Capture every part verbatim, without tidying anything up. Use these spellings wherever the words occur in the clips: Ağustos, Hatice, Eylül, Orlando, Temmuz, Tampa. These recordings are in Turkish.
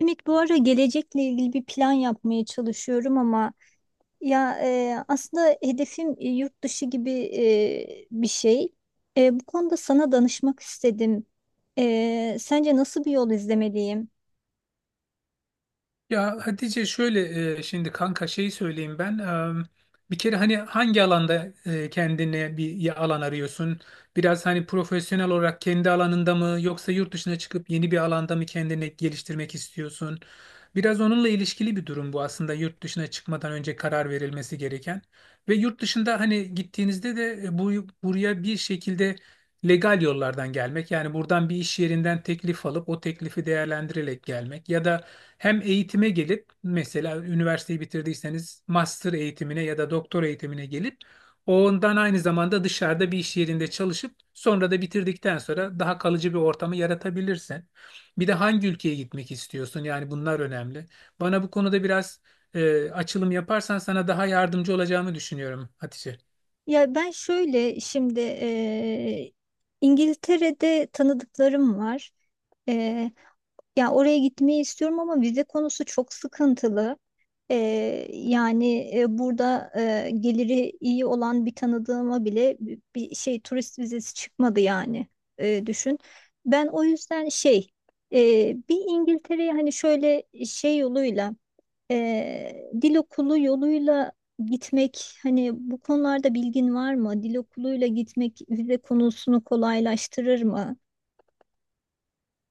Ümit, bu ara gelecekle ilgili bir plan yapmaya çalışıyorum ama ya e, aslında hedefim e, yurt dışı gibi e, bir şey. E, bu konuda sana danışmak istedim. E, sence nasıl bir yol izlemeliyim? Ya Hatice şöyle e, şimdi kanka şeyi söyleyeyim ben. E, bir kere hani hangi alanda e, kendine bir ya- alan arıyorsun? Biraz hani profesyonel olarak kendi alanında mı yoksa yurt dışına çıkıp yeni bir alanda mı kendini geliştirmek istiyorsun? Biraz onunla ilişkili bir durum bu, aslında yurt dışına çıkmadan önce karar verilmesi gereken. Ve yurt dışında hani gittiğinizde de e, bu buraya bir şekilde legal yollardan gelmek, yani buradan bir iş yerinden teklif alıp o teklifi değerlendirerek gelmek ya da hem eğitime gelip mesela üniversiteyi bitirdiyseniz master eğitimine ya da doktor eğitimine gelip ondan aynı zamanda dışarıda bir iş yerinde çalışıp sonra da bitirdikten sonra daha kalıcı bir ortamı yaratabilirsin. Bir de hangi ülkeye gitmek istiyorsun? Yani bunlar önemli. Bana bu konuda biraz e, açılım yaparsan sana daha yardımcı olacağımı düşünüyorum Hatice. Ya ben şöyle şimdi e, İngiltere'de tanıdıklarım var. E, Ya oraya gitmeyi istiyorum ama vize konusu çok sıkıntılı. Ee, yani e, burada e, geliri iyi olan bir tanıdığıma bile bi- bir şey, turist vizesi çıkmadı yani. Ee, düşün. Ben o yüzden şey, e, bir İngiltere'ye hani şöyle şey yoluyla, e, dil okulu yoluyla gitmek, hani bu konularda bilgin var mı? Dil okuluyla gitmek vize konusunu kolaylaştırır mı?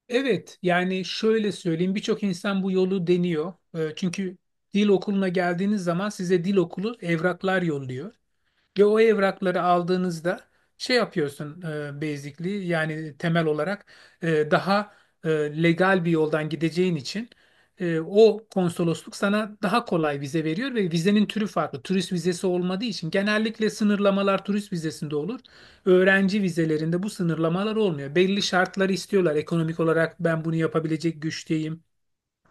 Evet, yani şöyle söyleyeyim, birçok insan bu yolu deniyor. E, çünkü dil okuluna geldiğiniz zaman size dil okulu evraklar yolluyor. Ve o evrakları aldığınızda şey yapıyorsun, e, basically, yani temel olarak e, daha e, legal bir yoldan gideceğin için e, o konsolosluk sana daha kolay vize veriyor ve vizenin türü farklı. Turist vizesi olmadığı için genellikle sınırlamalar turist vizesinde olur. Öğrenci vizelerinde bu sınırlamalar olmuyor. Belli şartları istiyorlar. Ekonomik olarak ben bunu yapabilecek güçteyim.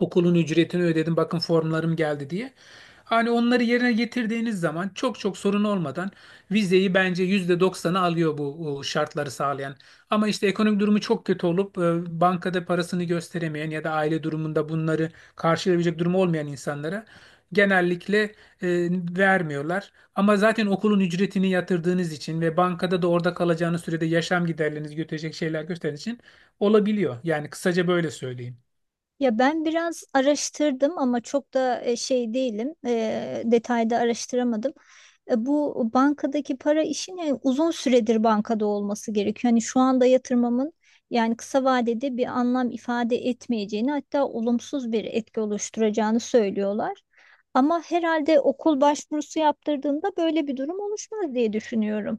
Okulun ücretini ödedim, bakın formlarım geldi diye. Hani onları yerine getirdiğiniz zaman çok çok sorun olmadan vizeyi bence yüzde doksanı alıyor, bu o şartları sağlayan. Ama işte ekonomik durumu çok kötü olup e, bankada parasını gösteremeyen ya da aile durumunda bunları karşılayabilecek durumu olmayan insanlara genellikle e, vermiyorlar. Ama zaten okulun ücretini yatırdığınız için ve bankada da orada kalacağınız sürede yaşam giderlerinizi götürecek şeyler gösterdiğiniz için olabiliyor. Yani kısaca böyle söyleyeyim. Ya ben biraz araştırdım ama çok da e, şey değilim, e, detayda araştıramadım. E, bu bankadaki para işini uzun süredir bankada olması gerekiyor. Hani şu anda yatırmamın yani kısa vadede bir anlam ifade etmeyeceğini, hatta olumsuz bir etki oluşturacağını söylüyorlar. Ama herhalde okul başvurusu yaptırdığında böyle bir durum oluşmaz diye düşünüyorum.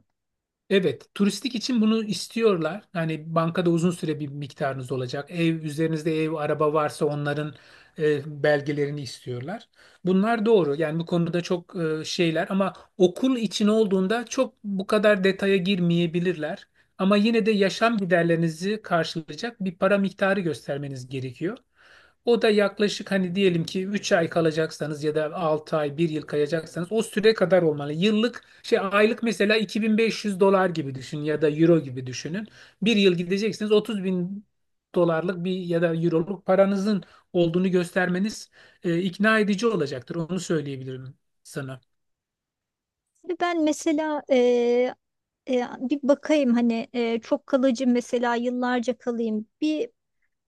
Evet, turistik için bunu istiyorlar. Yani bankada uzun süre bir miktarınız olacak. Ev üzerinizde ev, araba varsa onların e, belgelerini istiyorlar. Bunlar doğru. Yani bu konuda çok e, şeyler, ama okul için olduğunda çok bu kadar detaya girmeyebilirler. Ama yine de yaşam giderlerinizi karşılayacak bir para miktarı göstermeniz gerekiyor. O da yaklaşık, hani diyelim ki üç ay kalacaksanız ya da altı ay, bir yıl kalacaksanız, o süre kadar olmalı. Yıllık şey, aylık mesela iki bin beş yüz dolar gibi düşün ya da euro gibi düşünün. Bir yıl gideceksiniz, otuz bin dolarlık bir ya da euroluk paranızın olduğunu göstermeniz e, ikna edici olacaktır. Onu söyleyebilirim sana. Ve ben mesela, e, e, bir bakayım, hani e, çok kalıcı, mesela yıllarca kalayım, bir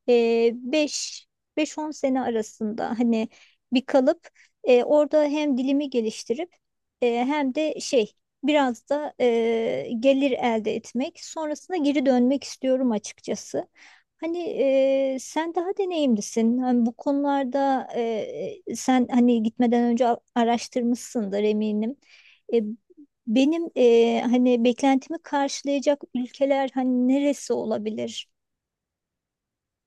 e, beş beş on sene arasında hani, bir kalıp e, orada hem dilimi geliştirip e, hem de şey, biraz da e, gelir elde etmek, sonrasında geri dönmek istiyorum açıkçası. Hani, e, sen daha deneyimlisin. Hani bu konularda e, sen, hani gitmeden önce a- araştırmışsındır eminim. E, Benim e, hani beklentimi karşılayacak ülkeler hani neresi olabilir?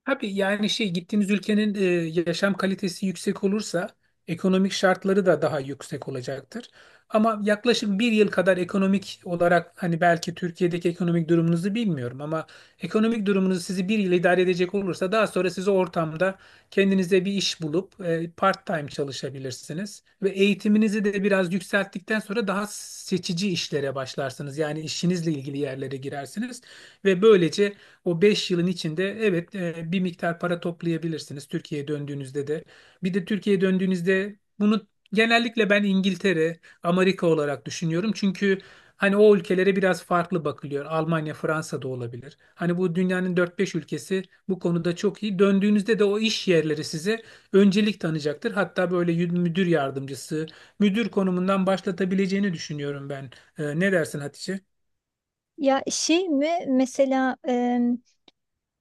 Abi yani şey, gittiğiniz ülkenin e, yaşam kalitesi yüksek olursa, ekonomik şartları da daha yüksek olacaktır. Ama yaklaşık bir yıl kadar ekonomik olarak, hani belki Türkiye'deki ekonomik durumunuzu bilmiyorum ama ekonomik durumunuz sizi bir yıl idare edecek olursa, daha sonra siz o ortamda kendinize bir iş bulup e, part-time çalışabilirsiniz ve eğitiminizi de biraz yükselttikten sonra daha seçici işlere başlarsınız. Yani işinizle ilgili yerlere girersiniz ve böylece o beş yılın içinde, evet, e, bir miktar para toplayabilirsiniz Türkiye'ye döndüğünüzde de. Bir de Türkiye'ye döndüğünüzde bunu genellikle ben İngiltere, Amerika olarak düşünüyorum. Çünkü hani o ülkelere biraz farklı bakılıyor. Almanya, Fransa da olabilir. Hani bu dünyanın dört beş ülkesi bu konuda çok iyi. Döndüğünüzde de o iş yerleri size öncelik tanıyacaktır. Hatta böyle yü- müdür yardımcısı, müdür konumundan başlatabileceğini düşünüyorum ben. E, ne dersin Hatice? Ya şey mi mesela, em,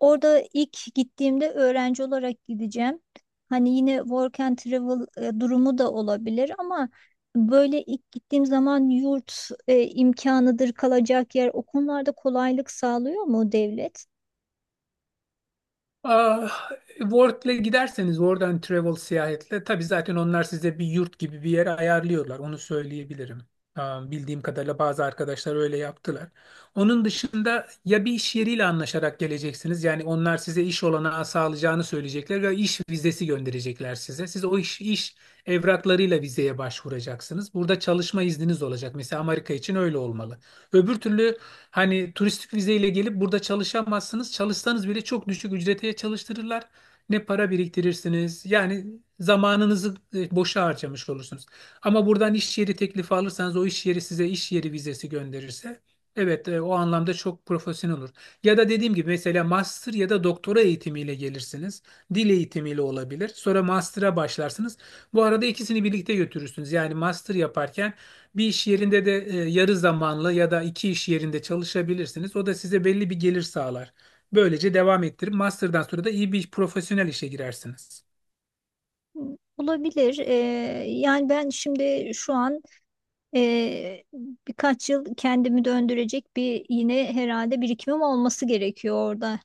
orada ilk gittiğimde öğrenci olarak gideceğim. Hani yine work and travel e, durumu da olabilir ama böyle ilk gittiğim zaman yurt e, imkanıdır, kalacak yer, o konularda kolaylık sağlıyor mu devlet? Ah, World'le giderseniz, oradan travel seyahatle tabii zaten onlar size bir yurt gibi bir yere ayarlıyorlar, onu söyleyebilirim. Ah, bildiğim kadarıyla bazı arkadaşlar öyle yaptılar. Onun dışında ya bir iş yeriyle anlaşarak geleceksiniz. Yani onlar size iş olanağı sağlayacağını söyleyecekler ve iş vizesi gönderecekler size. Siz o iş, iş evraklarıyla vizeye başvuracaksınız. Burada çalışma izniniz olacak. Mesela Amerika için öyle olmalı. Öbür türlü hani turistik vizeyle gelip burada çalışamazsınız. Çalışsanız bile çok düşük ücrete çalıştırırlar. Ne para biriktirirsiniz. Yani zamanınızı e, boşa harcamış olursunuz. Ama buradan iş yeri teklifi alırsanız, o iş yeri size iş yeri vizesi gönderirse, evet, e, o anlamda çok profesyonel olur. Ya da dediğim gibi mesela master ya da doktora eğitimiyle gelirsiniz. Dil eğitimiyle olabilir. Sonra master'a başlarsınız. Bu arada ikisini birlikte götürürsünüz. Yani master yaparken bir iş yerinde de e, yarı zamanlı ya da iki iş yerinde çalışabilirsiniz. O da size belli bir gelir sağlar. Böylece devam ettirip master'dan sonra da iyi bir profesyonel işe girersiniz. Olabilir. E, yani ben şimdi şu an e, birkaç yıl kendimi döndürecek bir, yine herhalde birikimim olması gerekiyor orada.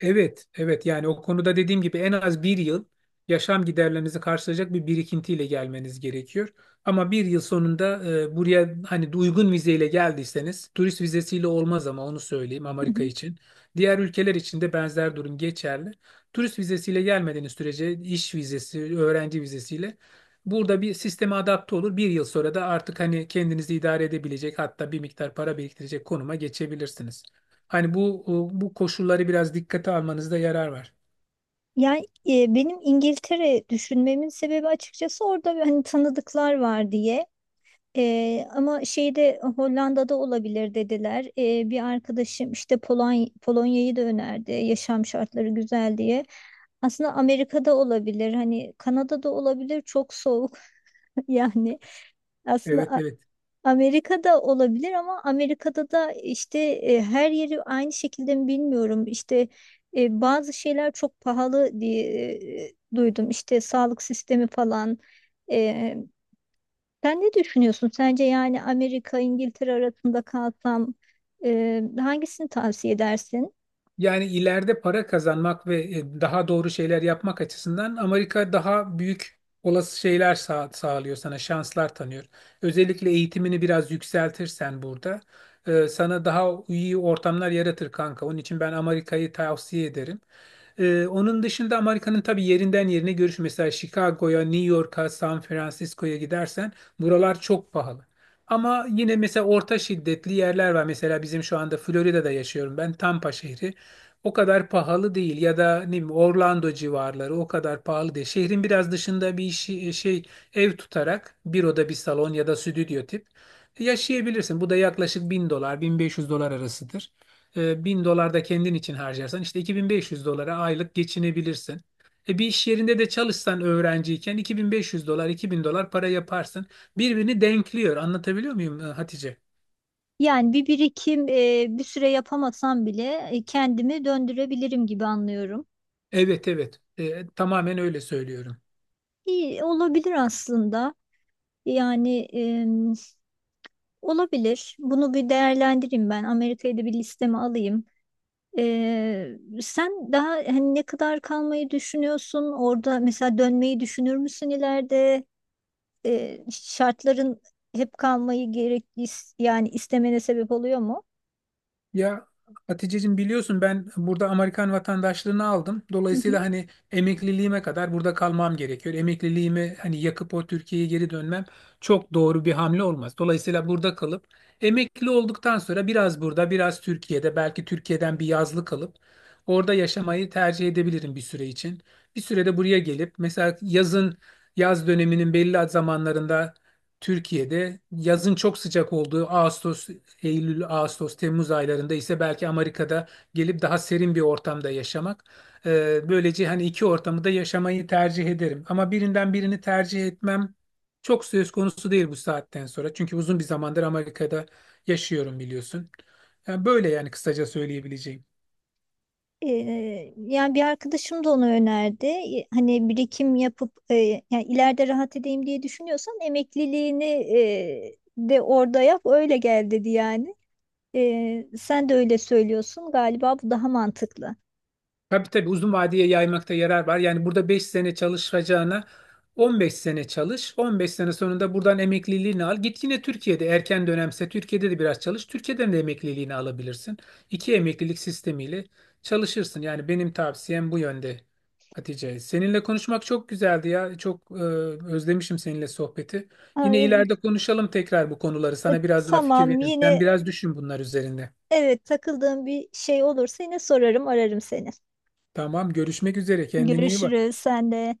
Evet, evet, yani o konuda dediğim gibi en az bir yıl yaşam giderlerinizi karşılayacak bir birikintiyle gelmeniz gerekiyor. Ama bir yıl sonunda e, buraya hani uygun vizeyle geldiyseniz, turist vizesiyle olmaz ama, onu söyleyeyim Amerika için. Diğer ülkeler için de benzer durum geçerli. Turist vizesiyle gelmediğiniz sürece, iş vizesi, öğrenci vizesiyle burada bir sisteme adapte olur. Bir yıl sonra da artık hani kendinizi idare edebilecek hatta bir miktar para biriktirecek konuma geçebilirsiniz. Hani bu bu koşulları biraz dikkate almanızda yarar var. Yani e, benim İngiltere düşünmemin sebebi açıkçası orada bir, hani tanıdıklar var diye. E, ama şeyde Hollanda'da olabilir dediler. E, bir arkadaşım işte Polony Polonya'yı da önerdi. Yaşam şartları güzel diye. Aslında Amerika'da olabilir. Hani Kanada'da olabilir. Çok soğuk yani. Evet, Aslında evet. Amerika'da olabilir ama Amerika'da da işte e, her yeri aynı şekilde mi bilmiyorum. İşte e, bazı şeyler çok pahalı diye e, duydum. İşte sağlık sistemi falan. E, Sen ne düşünüyorsun? Sence yani Amerika, İngiltere arasında kalsam e, hangisini tavsiye edersin? Yani ileride para kazanmak ve e, daha doğru şeyler yapmak açısından Amerika daha büyük olası şeyler sağ- sağlıyor sana, şanslar tanıyor. Özellikle eğitimini biraz yükseltirsen burada e, sana daha iyi ortamlar yaratır kanka. Onun için ben Amerika'yı tavsiye ederim. E, onun dışında Amerika'nın tabii yerinden yerine görüş. Mesela Chicago'ya, New York'a, San Francisco'ya gidersen buralar çok pahalı. Ama yine mesela orta şiddetli yerler var. Mesela bizim şu anda Florida'da yaşıyorum ben, Tampa şehri o kadar pahalı değil ya da ne bileyim Orlando civarları o kadar pahalı değil. Şehrin biraz dışında bir işi, e, şey, ev tutarak bir oda bir salon ya da stüdyo tip yaşayabilirsin. Bu da yaklaşık bin dolar, bin beş yüz dolar arasıdır. Ee, bin dolar da kendin için harcarsan işte iki bin beş yüz dolara aylık geçinebilirsin. E, bir iş yerinde de çalışsan öğrenciyken iki bin beş yüz dolar, iki bin dolar para yaparsın. Birbirini denkliyor. Anlatabiliyor muyum e, Hatice? Yani bir birikim, e, bir süre yapamasam bile e, kendimi döndürebilirim gibi anlıyorum. Evet, evet. E, tamamen öyle söylüyorum. İyi olabilir aslında. Yani, olabilir. Bunu bir değerlendireyim ben. Amerika'yı da bir listeme alayım. Ee, sen daha, hani ne kadar kalmayı düşünüyorsun? Orada mesela dönmeyi düşünür müsün ileride? Ee, şartların hep kalmayı gerek is- yani istemene sebep oluyor mu? Ya Hatice'cim, biliyorsun ben burada Amerikan vatandaşlığını aldım. Hı hı. Dolayısıyla hani emekliliğime kadar burada kalmam gerekiyor. Emekliliğimi hani yakıp o Türkiye'ye geri dönmem çok doğru bir hamle olmaz. Dolayısıyla burada kalıp emekli olduktan sonra biraz burada, biraz Türkiye'de, belki Türkiye'den bir yazlık alıp orada yaşamayı tercih edebilirim bir süre için. Bir sürede buraya gelip mesela yazın, yaz döneminin belli zamanlarında, Türkiye'de yazın çok sıcak olduğu Ağustos, Eylül, Ağustos, Temmuz aylarında ise belki Amerika'da gelip daha serin bir ortamda yaşamak. E, böylece hani iki ortamı da yaşamayı tercih ederim. Ama birinden birini tercih etmem çok söz konusu değil bu saatten sonra. Çünkü uzun bir zamandır Amerika'da yaşıyorum, biliyorsun. Yani böyle, yani kısaca söyleyebileceğim. Ee, yani bir arkadaşım da onu önerdi. Ee, Hani birikim yapıp e, yani ileride rahat edeyim diye düşünüyorsan, emekliliğini e, de orada yap öyle gel dedi yani. Ee, sen de öyle söylüyorsun. Galiba bu daha mantıklı. Tabii, tabii, uzun vadeye yaymakta yarar var. Yani burada beş sene çalışacağına on beş sene çalış. on beş sene sonunda buradan emekliliğini al. Git yine Türkiye'de, erken dönemse Türkiye'de de biraz çalış. Türkiye'den de emekliliğini alabilirsin. İki emeklilik sistemiyle çalışırsın. Yani benim tavsiyem bu yönde Hatice. Seninle konuşmak çok güzeldi ya. Çok e, özlemişim seninle sohbeti. Aa, Yine evet. ileride konuşalım tekrar bu konuları. E, Sana biraz daha fikir tamam, veririm. Sen yine biraz düşün bunlar üzerinde. evet, takıldığım bir şey olursa yine sorarım, ararım seni. Tamam, görüşmek üzere. Kendine iyi bak. Görüşürüz, sen de.